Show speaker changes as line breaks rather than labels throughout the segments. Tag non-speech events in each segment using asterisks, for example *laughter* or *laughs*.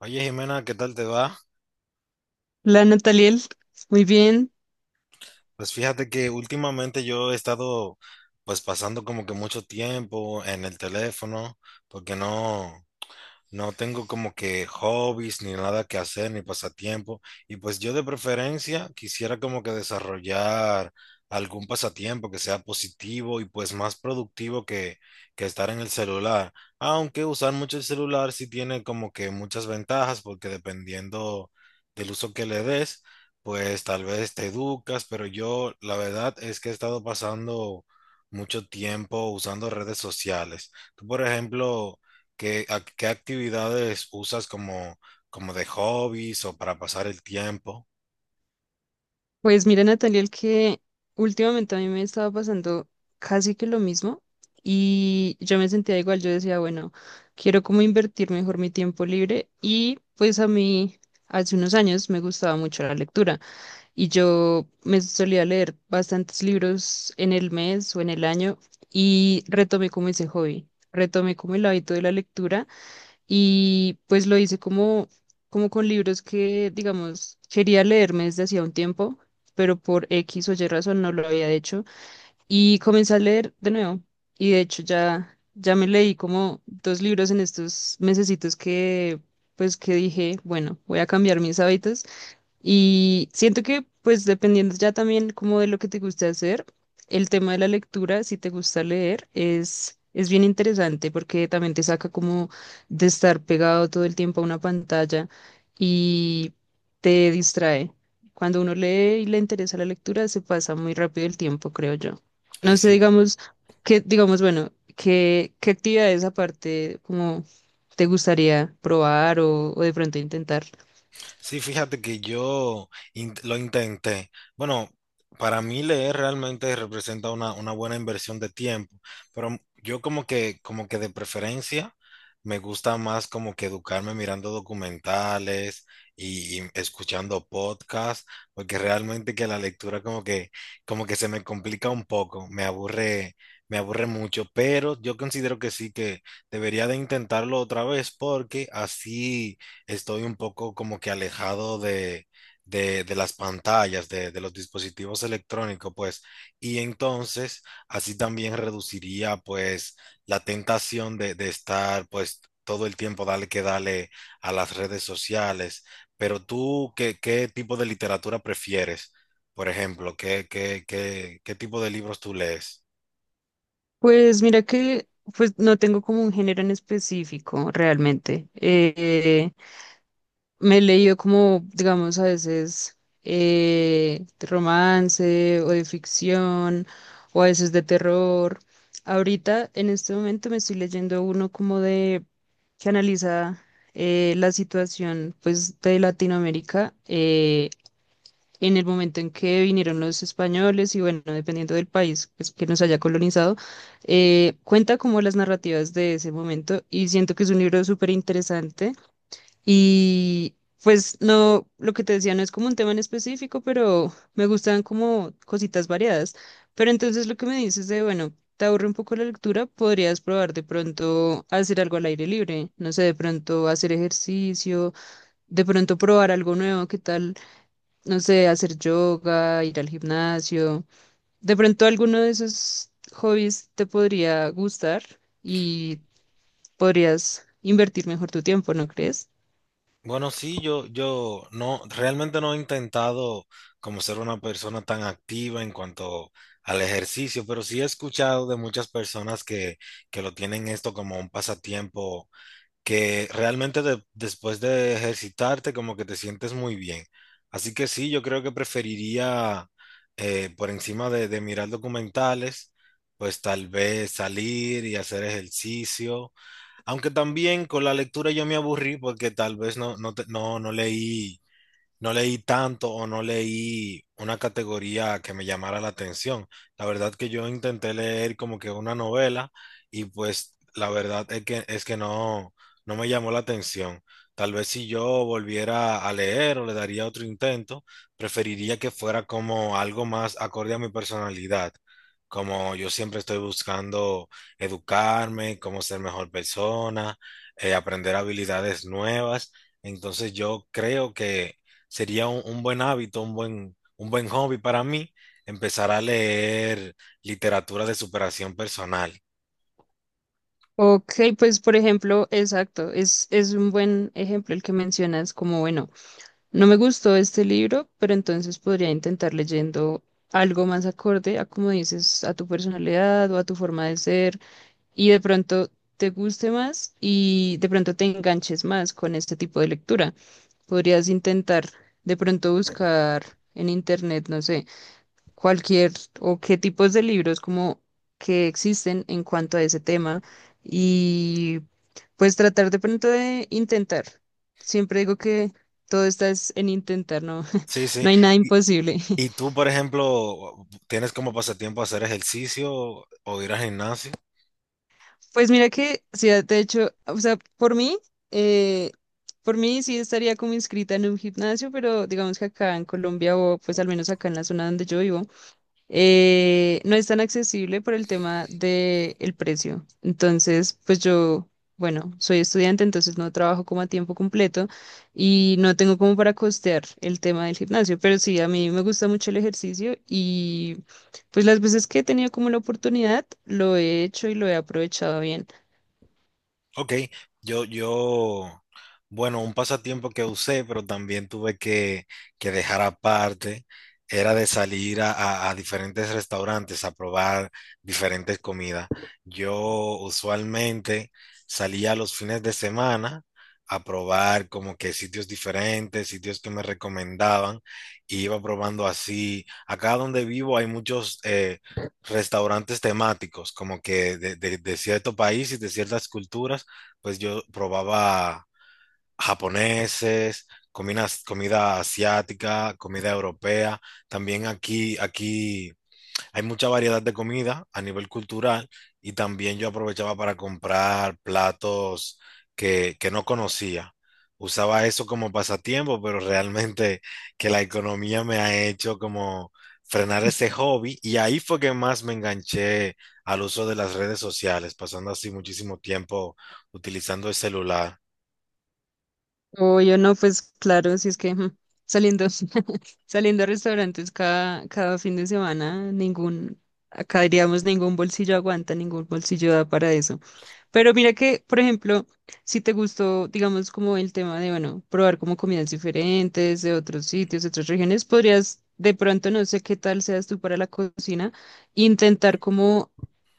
Oye, Jimena, ¿qué tal te va?
La Nataliel, muy bien.
Pues fíjate que últimamente yo he estado pues pasando como que mucho tiempo en el teléfono porque no tengo como que hobbies ni nada que hacer ni pasatiempo. Y pues yo de preferencia quisiera como que desarrollar algún pasatiempo que sea positivo y pues más productivo que estar en el celular. Aunque usar mucho el celular sí tiene como que muchas ventajas porque dependiendo del uso que le des, pues tal vez te educas, pero yo la verdad es que he estado pasando mucho tiempo usando redes sociales. Tú, por ejemplo... ¿ Qué actividades usas como, como de hobbies o para pasar el tiempo?
Pues mira, Nataliel, que últimamente a mí me estaba pasando casi que lo mismo y yo me sentía igual. Yo decía, bueno, quiero como invertir mejor mi tiempo libre y pues a mí hace unos años me gustaba mucho la lectura y yo me solía leer bastantes libros en el mes o en el año y retomé como ese hobby, retomé como el hábito de la lectura. Y pues lo hice como, como con libros que, digamos, quería leerme desde hacía un tiempo, pero por X o Y razón no lo había hecho. Y comencé a leer de nuevo. Y de hecho ya me leí como dos libros en estos mesecitos que, pues que dije, bueno, voy a cambiar mis hábitos. Y siento que, pues dependiendo ya también como de lo que te guste hacer, el tema de la lectura, si te gusta leer, es bien interesante porque también te saca como de estar pegado todo el tiempo a una pantalla y te distrae. Cuando uno lee y le interesa la lectura, se pasa muy rápido el tiempo, creo yo.
Ay,
No sé,
sí.
digamos, que, digamos, bueno, ¿qué, qué actividades aparte como te gustaría probar o de pronto intentar?
Sí, fíjate que yo lo intenté. Bueno, para mí leer realmente representa una buena inversión de tiempo, pero yo como que de preferencia me gusta más como que educarme mirando documentales y escuchando podcasts, porque realmente que la lectura como que se me complica un poco, me aburre mucho, pero yo considero que sí que debería de intentarlo otra vez porque así estoy un poco como que alejado de las pantallas, de los dispositivos electrónicos, pues, y entonces así también reduciría pues la tentación de estar pues todo el tiempo dale que dale a las redes sociales. Pero tú, ¿qué, qué tipo de literatura prefieres? Por ejemplo, qué tipo de libros tú lees?
Pues mira que pues no tengo como un género en específico realmente. Me he leído como, digamos, a veces de romance o de ficción o a veces de terror. Ahorita, en este momento, me estoy leyendo uno como de que analiza la situación pues de Latinoamérica, en el momento en que vinieron los españoles y bueno, dependiendo del país pues, que nos haya colonizado, cuenta como las narrativas de ese momento y siento que es un libro súper interesante y pues no, lo que te decía no es como un tema en específico, pero me gustan como cositas variadas. Pero entonces lo que me dices de, bueno, te aburre un poco la lectura, podrías probar de pronto hacer algo al aire libre, no sé, de pronto hacer ejercicio, de pronto probar algo nuevo. ¿Qué tal? No sé, hacer yoga, ir al gimnasio. De pronto alguno de esos hobbies te podría gustar y podrías invertir mejor tu tiempo, ¿no crees?
Bueno, sí, yo no, realmente no he intentado como ser una persona tan activa en cuanto al ejercicio, pero sí he escuchado de muchas personas que lo tienen esto como un pasatiempo, que realmente después de ejercitarte como que te sientes muy bien. Así que sí, yo creo que preferiría por encima de mirar documentales, pues tal vez salir y hacer ejercicio, aunque también con la lectura yo me aburrí porque tal vez no leí, no leí tanto o no leí una categoría que me llamara la atención. La verdad que yo intenté leer como que una novela y pues la verdad es que no, no me llamó la atención. Tal vez si yo volviera a leer o le daría otro intento, preferiría que fuera como algo más acorde a mi personalidad. Como yo siempre estoy buscando educarme, cómo ser mejor persona, aprender habilidades nuevas. Entonces yo creo que sería un buen hábito, un buen hobby para mí, empezar a leer literatura de superación personal.
Ok, pues por ejemplo, exacto, es un buen ejemplo el que mencionas como, bueno, no me gustó este libro, pero entonces podría intentar leyendo algo más acorde a, como dices, a tu personalidad o a tu forma de ser y de pronto te guste más y de pronto te enganches más con este tipo de lectura. Podrías intentar de pronto buscar en internet, no sé, cualquier o qué tipos de libros como que existen en cuanto a ese tema y pues tratar de pronto de intentar. Siempre digo que todo está es en intentar, no.
Sí,
*laughs*
sí.
No hay nada
Y,
imposible.
y tú, por ejemplo, ¿tienes como pasatiempo hacer ejercicio o ir al gimnasio?
Pues mira que, sí, de hecho, o sea, eh, por mí sí estaría como inscrita en un gimnasio, pero digamos que acá en Colombia o pues al menos acá en la zona donde yo vivo, no es tan accesible por el tema del precio. Entonces, pues yo, bueno, soy estudiante, entonces no trabajo como a tiempo completo y no tengo como para costear el tema del gimnasio, pero sí, a mí me gusta mucho el ejercicio y pues las veces que he tenido como la oportunidad, lo he hecho y lo he aprovechado bien.
Ok, yo, yo, bueno, un pasatiempo que usé, pero también tuve que dejar aparte, era de salir a, a diferentes restaurantes a probar diferentes comidas. Yo usualmente salía los fines de semana a probar como que sitios diferentes, sitios que me recomendaban, y iba probando así. Acá donde vivo hay muchos restaurantes temáticos, como que de cierto país y de ciertas culturas, pues yo probaba japoneses, comida asiática, comida europea. También aquí hay mucha variedad de comida a nivel cultural y también yo aprovechaba para comprar platos que no conocía. Usaba eso como pasatiempo, pero realmente *laughs* que la economía me ha hecho como frenar ese hobby y ahí fue que más me enganché al uso de las redes sociales, pasando así muchísimo tiempo utilizando el celular.
O yo no, pues claro, si es que ujú, saliendo, *laughs* saliendo a restaurantes cada fin de semana, ningún, acá diríamos ningún bolsillo aguanta, ningún bolsillo da para eso. Pero mira que, por ejemplo, si te gustó, digamos, como el tema de, bueno, probar como comidas diferentes de otros sitios, de otras regiones, podrías, de pronto, no sé qué tal seas tú para la cocina, intentar como,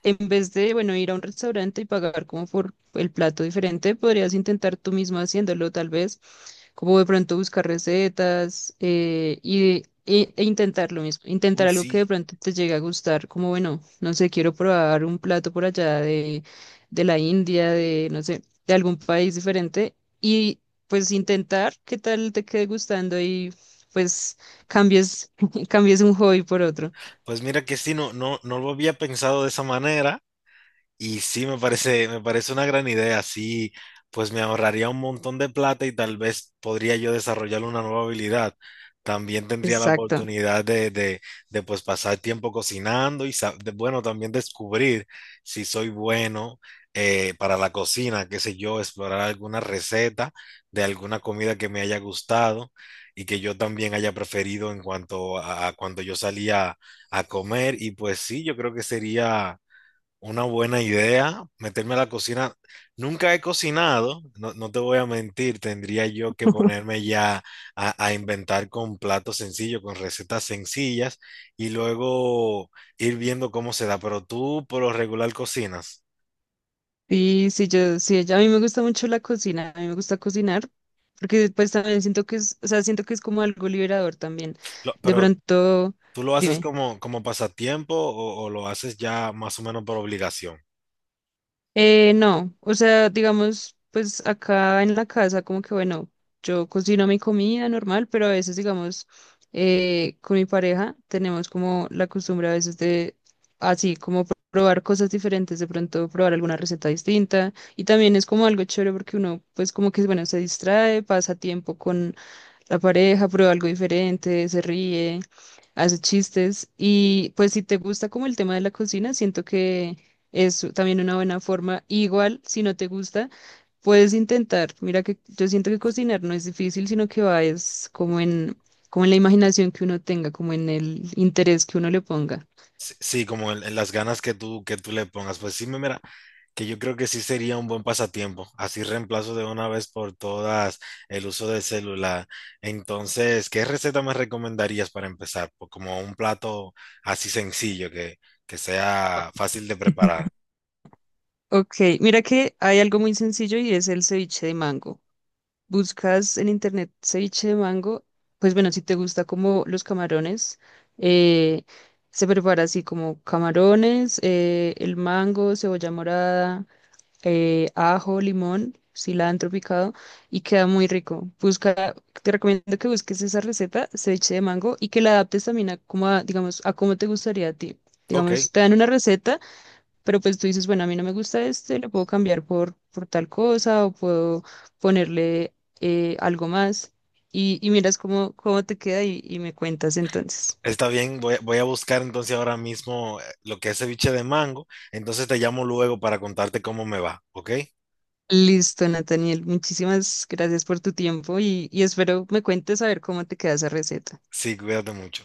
en vez de, bueno, ir a un restaurante y pagar como por el plato diferente, podrías intentar tú mismo haciéndolo, tal vez como de pronto buscar recetas, e intentar lo mismo, intentar
Uy,
algo que de
sí.
pronto te llegue a gustar, como bueno, no sé, quiero probar un plato por allá de la India, de no sé, de algún país diferente y pues intentar qué tal te quede gustando y pues cambies, *laughs* cambies un hobby por otro.
Pues mira que sí, no lo había pensado de esa manera. Y sí, me parece una gran idea. Sí, pues me ahorraría un montón de plata y tal vez podría yo desarrollar una nueva habilidad. También tendría la
Exacto.
oportunidad pues pasar tiempo cocinando y bueno, también descubrir si soy bueno para la cocina, qué sé yo, explorar alguna receta de alguna comida que me haya gustado y que yo también haya preferido en cuanto a cuando yo salía a comer. Y pues sí, yo creo que sería una buena idea, meterme a la cocina. Nunca he cocinado, no, no te voy a mentir, tendría yo que
*laughs*
ponerme ya a inventar con platos sencillos, con recetas sencillas y luego ir viendo cómo se da. Pero tú por lo regular cocinas.
Sí, sí, yo, sí, ya- a mí me gusta mucho la cocina, a mí me gusta cocinar, porque después también siento que es, o sea, siento que es como algo liberador también. De
Pero
pronto,
tú lo haces
dime.
como, como pasatiempo o lo haces ya más o menos por obligación.
No, o sea, digamos, pues acá en la casa, como que bueno, yo cocino mi comida normal, pero a veces, digamos, con mi pareja tenemos como la costumbre a veces de, así, como probar cosas diferentes, de pronto probar alguna receta distinta. Y también es como algo chévere porque uno, pues como que, bueno, se distrae, pasa tiempo la pareja prueba algo diferente, se ríe, hace chistes y pues si te gusta como el tema de la cocina, siento que es también una buena forma. Igual, si no te gusta, puedes intentar. Mira que yo siento que cocinar no es difícil, sino que va es como en, como en la imaginación que uno tenga, como en el interés que uno le ponga.
Sí, sí, como en las ganas que que tú le pongas. Pues sí, me mira, que yo creo que sí sería un buen pasatiempo. Así reemplazo de una vez por todas el uso del celular. Entonces, ¿qué receta me recomendarías para empezar? Pues como un plato así sencillo que sea fácil de preparar.
*laughs* Ok, mira que hay algo muy sencillo y es el ceviche de mango. Buscas en internet ceviche de mango, pues bueno, si te gusta como los camarones, eh, se prepara así como camarones, el mango, cebolla morada, ajo, limón, cilantro picado y queda muy rico. Busca, te recomiendo que busques esa receta, ceviche de mango, y que la adaptes también a como a, digamos, a cómo te gustaría a ti.
Ok,
Digamos, te dan una receta. Pero pues tú dices, bueno, a mí no me gusta este, lo puedo cambiar por tal cosa o puedo ponerle, algo más y miras cómo, cómo te queda y me cuentas entonces.
está bien. Voy a buscar entonces ahora mismo lo que es ceviche de mango. Entonces te llamo luego para contarte cómo me va. Ok,
Listo, Nathaniel, muchísimas gracias por tu tiempo y espero me cuentes a ver cómo te queda esa receta.
sí, cuídate mucho.